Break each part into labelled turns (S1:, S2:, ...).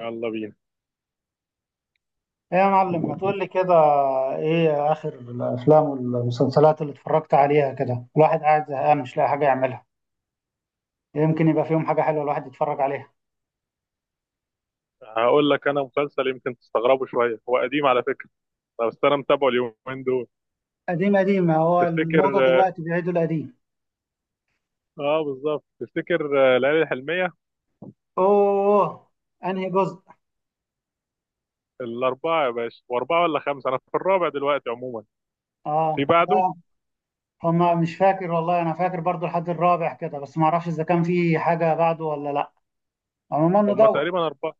S1: يلا بينا.
S2: ايه يا معلم، ما تقول لي كده. ايه اخر الافلام والمسلسلات اللي اتفرجت عليها كده؟ الواحد قاعد زهقان مش لاقي حاجه يعملها. يمكن يبقى فيهم حاجه حلوه الواحد يتفرج عليها.
S1: هقول لك انا مسلسل يمكن تستغربه شويه، هو قديم على فكره، بس انا متابعه اليومين دول.
S2: قديم قديم؟ هو
S1: تفتكر؟
S2: الموضه
S1: اه.
S2: دلوقتي بيعيدوا القديم.
S1: بالظبط تفتكر. ليالي الحلميه،
S2: اوه، انهي جزء؟
S1: الاربعه يا باشا، واربعه ولا خمسه، انا في الرابع دلوقتي. عموما في
S2: اه،
S1: بعده.
S2: لا. هما مش فاكر والله، انا فاكر برضو لحد الرابع كده، بس ما اعرفش اذا كان في حاجه بعده ولا لا. عموما
S1: هم
S2: ندور.
S1: تقريبا اربعه.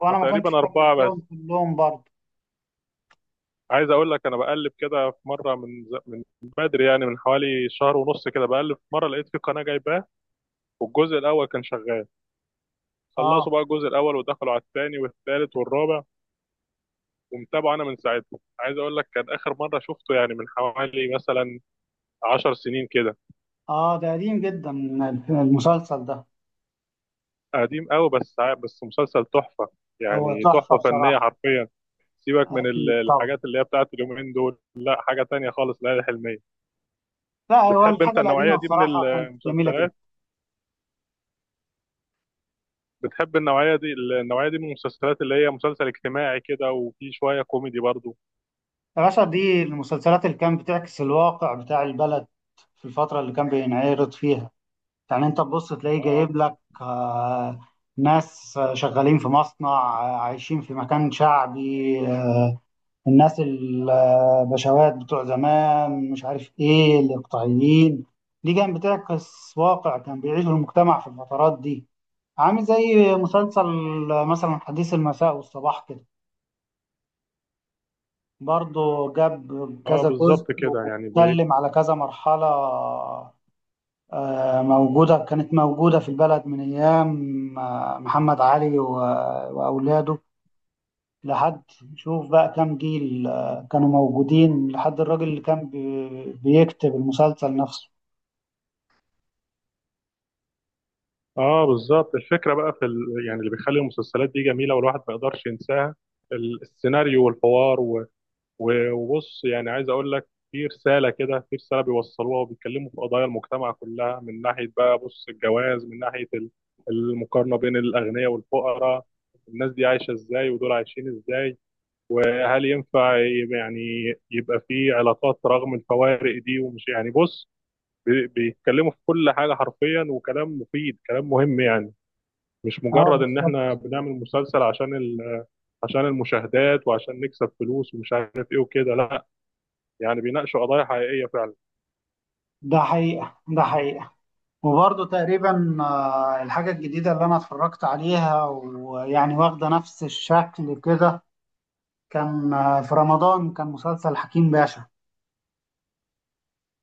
S2: وانا
S1: هما
S2: ما كنتش
S1: تقريبا اربعه
S2: كملتهم
S1: بس.
S2: كلهم برضو.
S1: عايز اقول لك انا بقلب كده في مره من بدري يعني، من حوالي شهر ونص كده، بقلب في مره لقيت في قناه جايباه، والجزء الاول كان شغال.
S2: اه
S1: خلصوا بقى الجزء الاول ودخلوا على الثاني والثالث والرابع، ومتابعه انا من ساعتها. عايز اقول لك، كان اخر مره شفته يعني من حوالي مثلا 10 سنين كده،
S2: اه. ده قديم جدا المسلسل ده.
S1: قديم قوي. بس مسلسل تحفه،
S2: هو
S1: يعني
S2: تحفه
S1: تحفه فنيه
S2: بصراحه.
S1: حرفيا. سيبك من
S2: اكيد طبعا.
S1: الحاجات اللي هي بتاعت اليومين دول، لا حاجه تانية خالص ليالي الحلميه.
S2: لا، هو
S1: بتحب انت
S2: الحاجة
S1: النوعيه
S2: القديمة
S1: دي من
S2: بصراحة كانت جميلة جدا.
S1: المسلسلات؟ بتحب النوعيه دي؟ النوعيه دي من المسلسلات اللي هي مسلسل اجتماعي كده، وفي شويه كوميدي برضو.
S2: يا باشا، دي المسلسلات اللي كانت بتعكس الواقع بتاع البلد في الفترة اللي كان بينعرض فيها. يعني انت تبص تلاقيه
S1: اه
S2: جايب لك ناس شغالين في مصنع، عايشين في مكان شعبي، الناس البشوات بتوع زمان، مش عارف ايه، الاقطاعيين. دي كانت بتعكس واقع كان بيعيشه المجتمع في الفترات دي. عامل زي مسلسل مثلا حديث المساء والصباح كده. برضه جاب
S1: اه،
S2: كذا جزء
S1: بالظبط كده يعني.
S2: واتكلم على كذا مرحلة. موجودة، كانت موجودة في البلد من أيام محمد علي وأولاده لحد، شوف بقى كام جيل كانوا موجودين لحد الراجل اللي كان بيكتب المسلسل نفسه.
S1: اه بالظبط، الفكره بقى يعني اللي بيخلي المسلسلات دي جميله والواحد ما يقدرش ينساها، السيناريو والحوار و... وبص يعني، عايز اقول لك في رساله كده، في رساله بيوصلوها، وبيتكلموا في قضايا المجتمع كلها، من ناحيه بقى، بص، الجواز، من ناحيه المقارنه بين الاغنياء والفقراء، الناس دي عايشه ازاي ودول عايشين ازاي، وهل ينفع يعني يبقى في علاقات رغم الفوارق دي، ومش يعني، بص، بيتكلموا في كل حاجه حرفيا، وكلام مفيد كلام مهم يعني، مش
S2: اه
S1: مجرد ان احنا
S2: بالظبط.
S1: بنعمل مسلسل عشان عشان المشاهدات وعشان نكسب فلوس ومش عارف ايه وكده، لا، يعني بيناقشوا قضايا حقيقية فعلا.
S2: ده حقيقة. وبرضه تقريبا، الحاجة الجديدة اللي أنا اتفرجت عليها ويعني واخدة نفس الشكل كده، كان في رمضان كان مسلسل حكيم باشا.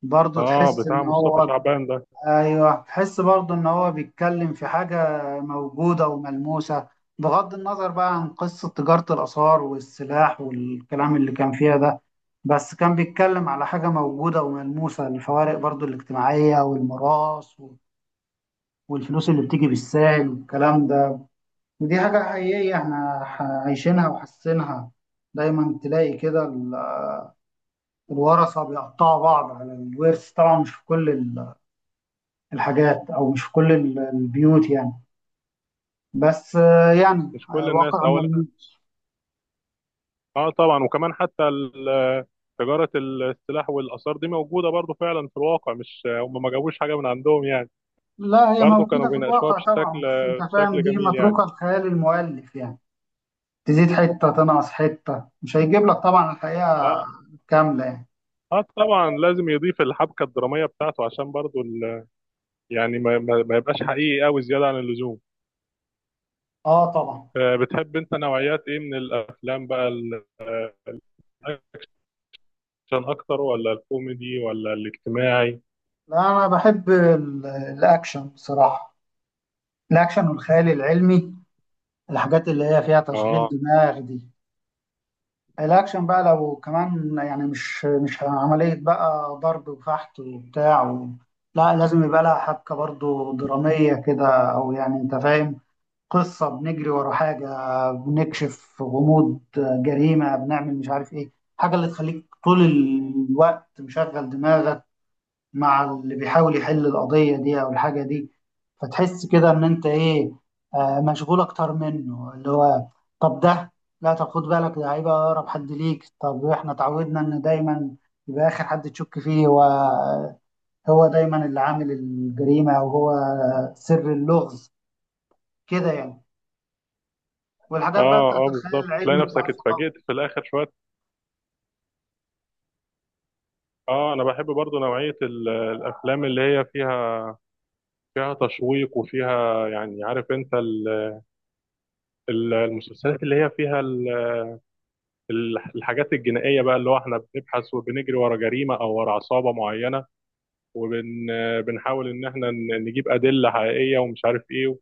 S2: برضه
S1: اه،
S2: تحس
S1: بتاع
S2: ان
S1: مصطفى
S2: هو،
S1: شعبان ده.
S2: ايوه، تحس برضه ان هو بيتكلم في حاجة موجودة وملموسة. بغض النظر بقى عن قصة تجارة الآثار والسلاح والكلام اللي كان فيها ده، بس كان بيتكلم على حاجة موجودة وملموسة: الفوارق برضه الاجتماعية، والميراث والفلوس اللي بتيجي بالساهل والكلام ده. ودي حاجة حقيقية احنا عايشينها وحاسينها. دايما تلاقي كده، الورثة بيقطعوا بعض على الورث. طبعا مش في كل الحاجات، أو مش في كل البيوت يعني. بس يعني
S1: مش كل الناس
S2: واقع
S1: اولا.
S2: ملموس.
S1: اه طبعا، وكمان حتى تجارة السلاح والآثار دي موجودة برضو فعلا في الواقع، مش هم ما جابوش حاجة من عندهم يعني.
S2: لا، هي
S1: برضو كانوا
S2: موجودة في
S1: بيناقشوها
S2: الواقع
S1: بشكل
S2: طبعا، بس أنت فاهم،
S1: بشكل
S2: دي
S1: جميل يعني.
S2: متروكة لخيال المؤلف يعني. تزيد حتة تنقص حتة، مش هيجيب لك طبعا الحقيقة
S1: اه
S2: كاملة يعني.
S1: اه طبعا، لازم يضيف الحبكة الدرامية بتاعته، عشان برضو يعني ما يبقاش حقيقي قوي زيادة عن اللزوم.
S2: اه طبعا.
S1: بتحب انت نوعيات ايه من الافلام بقى، الاكشن اكتر ولا الكوميدي ولا الاجتماعي؟
S2: لا، أنا بحب الأكشن بصراحة. الأكشن والخيال العلمي، الحاجات اللي هي فيها تشغيل
S1: اه
S2: دماغ دي. الاكشن بقى لو كمان يعني، مش عملية بقى ضرب وفحت وبتاع و... لا، لازم يبقى لها حبكة برضو درامية كده، او يعني انت فاهم، قصة بنجري ورا حاجة، بنكشف غموض جريمة، بنعمل مش عارف ايه، حاجة اللي تخليك طول الوقت مشغل دماغك مع اللي بيحاول يحل القضية دي أو الحاجة دي. فتحس كده إن أنت إيه، مشغول أكتر منه اللي هو، طب ده، لا طب خد بالك ده هيبقى أقرب حد ليك، طب إحنا اتعودنا إن دايما يبقى آخر حد تشك فيه هو، هو دايما اللي عامل الجريمة أو هو سر اللغز كده يعني. والحاجات بقى
S1: اه
S2: بتاعت
S1: اه
S2: الخيال
S1: بالظبط، تلاقي
S2: العلمي بتاع
S1: نفسك
S2: الفضاء.
S1: اتفاجئت في الاخر شويه. اه، انا بحب برضو نوعيه الافلام اللي هي فيها تشويق، وفيها يعني، عارف انت المسلسلات اللي هي فيها الحاجات الجنائيه بقى، اللي هو احنا بنبحث وبنجري ورا جريمه او ورا عصابه معينه، وبنحاول ان احنا نجيب ادله حقيقيه ومش عارف ايه،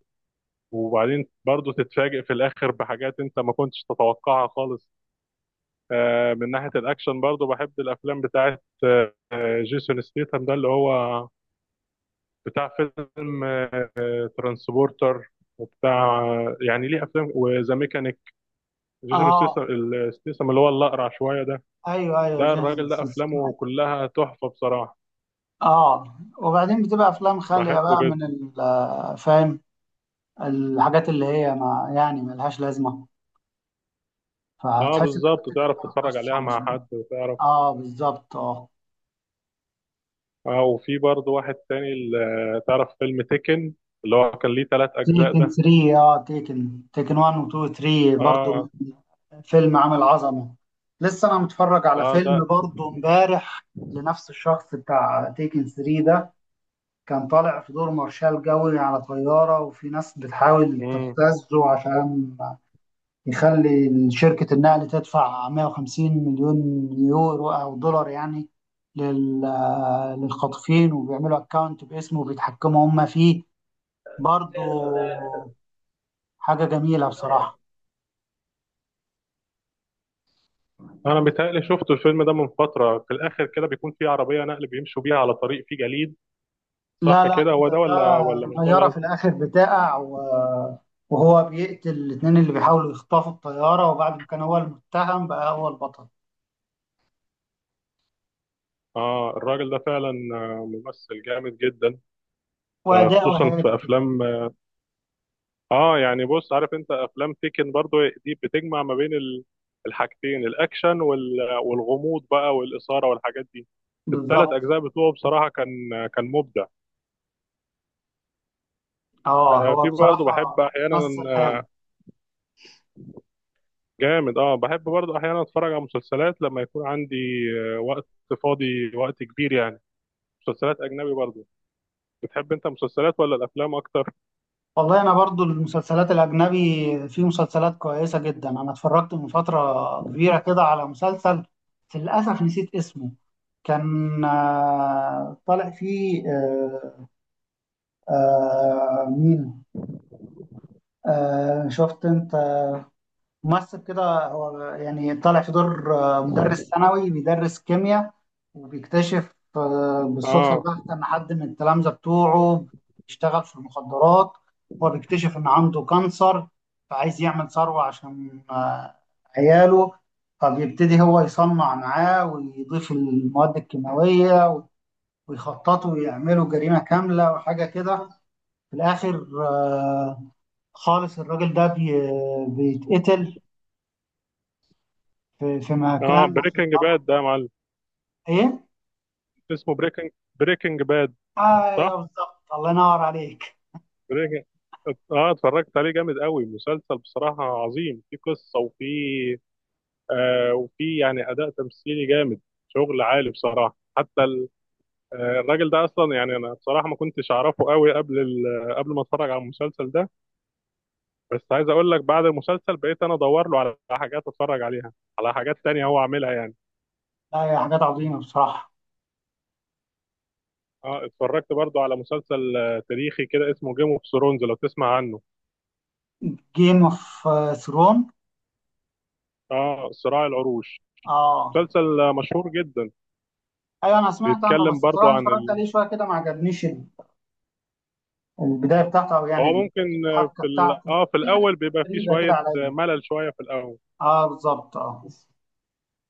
S1: وبعدين برضو تتفاجئ في الاخر بحاجات انت ما كنتش تتوقعها خالص. من ناحيه الاكشن برضو بحب الافلام بتاعه، جيسون ستيثم ده، اللي هو بتاع فيلم ترانسبورتر وبتاع، يعني ليه افلام وذا ميكانيك. جيسون ستيثم
S2: آه،
S1: ستيثم اللي هو الاقرع شويه ده،
S2: أيوه أيوه،
S1: ده
S2: جيسون
S1: الراجل ده افلامه
S2: ستاثام.
S1: كلها تحفه بصراحه،
S2: اه وبعدين بتبقى افلام خاليه
S1: بحبه
S2: بقى من
S1: جدا.
S2: فاهم، الحاجات اللي هي ما يعني ملهاش لازمة،
S1: اه
S2: فتحس إنك
S1: بالظبط،
S2: بتكتب
S1: تعرف تتفرج
S2: قصة،
S1: عليها
S2: مش
S1: مع حد وتعرف.
S2: آه بالظبط آه.
S1: اه، وفي برضه واحد تاني، اللي تعرف فيلم تيكن، اللي هو كان ليه 3 اجزاء
S2: تيكن
S1: ده.
S2: 3، آه، تيكن 1 و 2 و 3 برضو.
S1: اه
S2: فيلم عامل عظمة. لسه أنا متفرج على
S1: اه ده.
S2: فيلم برضو إمبارح لنفس الشخص بتاع تيكن 3 ده. كان طالع في دور مارشال جوي على طيارة، وفي ناس بتحاول
S1: مم.
S2: تبتزه عشان يخلي شركة النقل تدفع 150 مليون يورو أو دولار يعني، لل- للخاطفين، وبيعملوا أكاونت باسمه وبيتحكموا هم فيه برضو. حاجة جميلة بصراحة.
S1: انا بيتهيألي شفت الفيلم ده من فترة، في الاخر كده بيكون في عربية نقل بيمشوا بيها على طريق فيه جليد. صح
S2: لا لا،
S1: كده، هو
S2: ده
S1: ده؟ ولا
S2: ده
S1: مش ده
S2: طيارة
S1: اللي
S2: في الآخر بتقع وهو بيقتل الاتنين اللي بيحاولوا يخطفوا الطيارة، وبعد ما كان هو المتهم بقى هو البطل.
S1: اه الراجل ده فعلا، ممثل جامد جدا.
S2: وأداؤه
S1: خصوصا
S2: هادي
S1: في
S2: كده،
S1: افلام، اه يعني بص، عارف انت افلام تيكن برضو، دي بتجمع ما بين الحاجتين، الاكشن والغموض بقى، والاثاره والحاجات دي. الثلاث
S2: بالظبط.
S1: اجزاء بتوعه بصراحه كان مبدع.
S2: اه، هو
S1: في برضو بحب
S2: بصراحة
S1: احيانا
S2: مثل هايل.
S1: جامد. اه بحب برضو احيانا اتفرج على مسلسلات لما يكون عندي وقت فاضي، وقت كبير يعني، مسلسلات اجنبي برضو. بتحب انت مسلسلات ولا الافلام اكتر؟
S2: والله انا برضو المسلسلات الاجنبي، في مسلسلات كويسه جدا. انا اتفرجت من فتره كبيره كده على مسلسل، للاسف نسيت اسمه. كان طالع فيه مين، شفت انت، ممثل كده، هو يعني طالع في دور مدرس ثانوي بيدرس كيمياء، وبيكتشف بالصدفة
S1: اه
S2: البحتة إن حد من التلامذة بتوعه بيشتغل في المخدرات. هو بيكتشف إن عنده كانسر، فعايز يعمل ثروة عشان عياله، فبيبتدي هو يصنع معاه ويضيف المواد الكيماوية، ويخططوا ويعملوا جريمة كاملة وحاجة كده. في الآخر خالص الراجل ده بيتقتل في
S1: اه،
S2: مكان، عشان
S1: بريكنج
S2: تعرف
S1: باد ده يا معلم.
S2: ايه.
S1: اسمه بريكنج باد.
S2: ايوه
S1: صح،
S2: بالظبط، الله ينور عليك.
S1: بريكنج. اه اتفرجت عليه، جامد قوي مسلسل بصراحة، عظيم في قصة وفي وفي يعني أداء تمثيلي جامد، شغل عالي بصراحة. حتى الراجل ده أصلا يعني، أنا بصراحة ما كنتش أعرفه قوي قبل قبل ما أتفرج على المسلسل ده، بس عايز أقول لك بعد المسلسل بقيت أنا أدور له على حاجات أتفرج عليها، على حاجات تانية هو عاملها يعني.
S2: لا، هي حاجات عظيمه بصراحه.
S1: اه، اتفرجت برضو على مسلسل تاريخي كده، اسمه جيم اوف ثرونز، لو تسمع عنه.
S2: جيم اوف ثرون،
S1: اه، صراع العروش،
S2: اه،
S1: مسلسل مشهور جدا.
S2: ايوه، انا سمعت عنه
S1: بيتكلم
S2: بس
S1: برضو
S2: بصراحه
S1: عن
S2: اتفرجت عليه شويه كده ما عجبنيش البدايه بتاعته، او
S1: هو
S2: يعني
S1: ممكن
S2: الحبكه بتاعته.
S1: اه، في
S2: في حاجات
S1: الاول بيبقى فيه
S2: غريبه كده
S1: شويه
S2: عليا.
S1: ملل، شويه في الاول.
S2: اه بالظبط اه.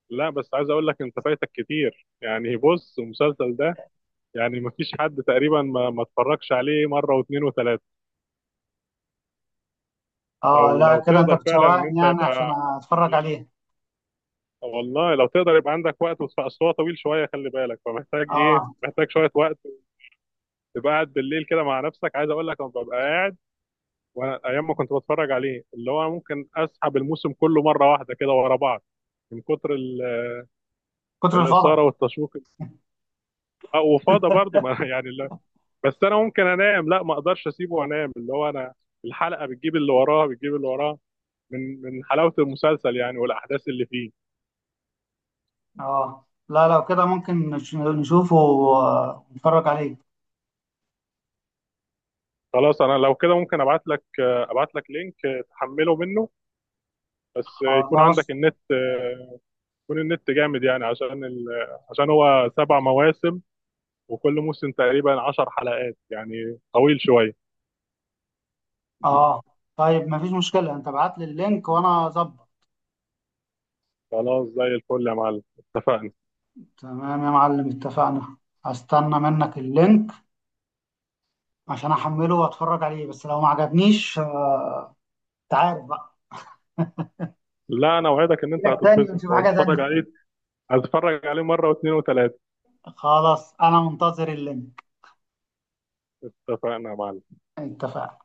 S1: لا، بس عايز اقول لك، انت فايتك كتير يعني، بص المسلسل ده يعني مفيش حد تقريبا ما اتفرجش عليه مره واثنين وثلاثه.
S2: اه
S1: لو
S2: لا كده انت
S1: تقدر فعلا ان
S2: بتشوقني
S1: انت
S2: يعني، عشان
S1: يبقى،
S2: اتفرج عليه.
S1: والله لو تقدر يبقى عندك وقت، بس أصل هو طويل شويه، خلي بالك، فمحتاج ايه،
S2: اه
S1: محتاج شويه وقت، تبقى قاعد بالليل كده مع نفسك. عايز اقول لك انا ببقى قاعد، وانا ايام ما كنت بتفرج عليه اللي هو ممكن اسحب الموسم كله مره واحده كده ورا بعض، من كتر
S2: كتر الفضل.
S1: الاثاره والتشويق. وفاضه برضو ما يعني لا. بس انا ممكن انام، لا ما اقدرش اسيبه وانام، اللي هو انا الحلقه بتجيب اللي وراها، بتجيب اللي وراها، من حلاوه المسلسل يعني، والاحداث اللي فيه.
S2: اه لا، لو كده ممكن نشوفه ونتفرج عليه.
S1: خلاص، انا لو كده ممكن ابعت لك لينك تحمله منه، بس يكون عندك
S2: خلاص.
S1: النت، يكون النت جامد يعني، عشان عشان هو 7 مواسم، وكل موسم تقريبا 10 حلقات يعني، طويل شويه.
S2: اه طيب، مفيش مشكلة، انت ابعت لي اللينك وانا اظبط.
S1: خلاص زي الفل يا معلم، اتفقنا.
S2: تمام يا معلم، اتفقنا. هستنى منك اللينك عشان احمله واتفرج عليه، بس لو ما عجبنيش انت عارف بقى،
S1: لا، انا اوعدك ان انت
S2: اجيلك تاني
S1: هتتبسط
S2: ونشوف حاجة
S1: وهتتفرج
S2: تانية.
S1: عليه، هتفرج عليه مرة واثنين وثلاثة.
S2: خلاص، انا منتظر اللينك.
S1: اتفقنا يا معلم.
S2: اتفقنا.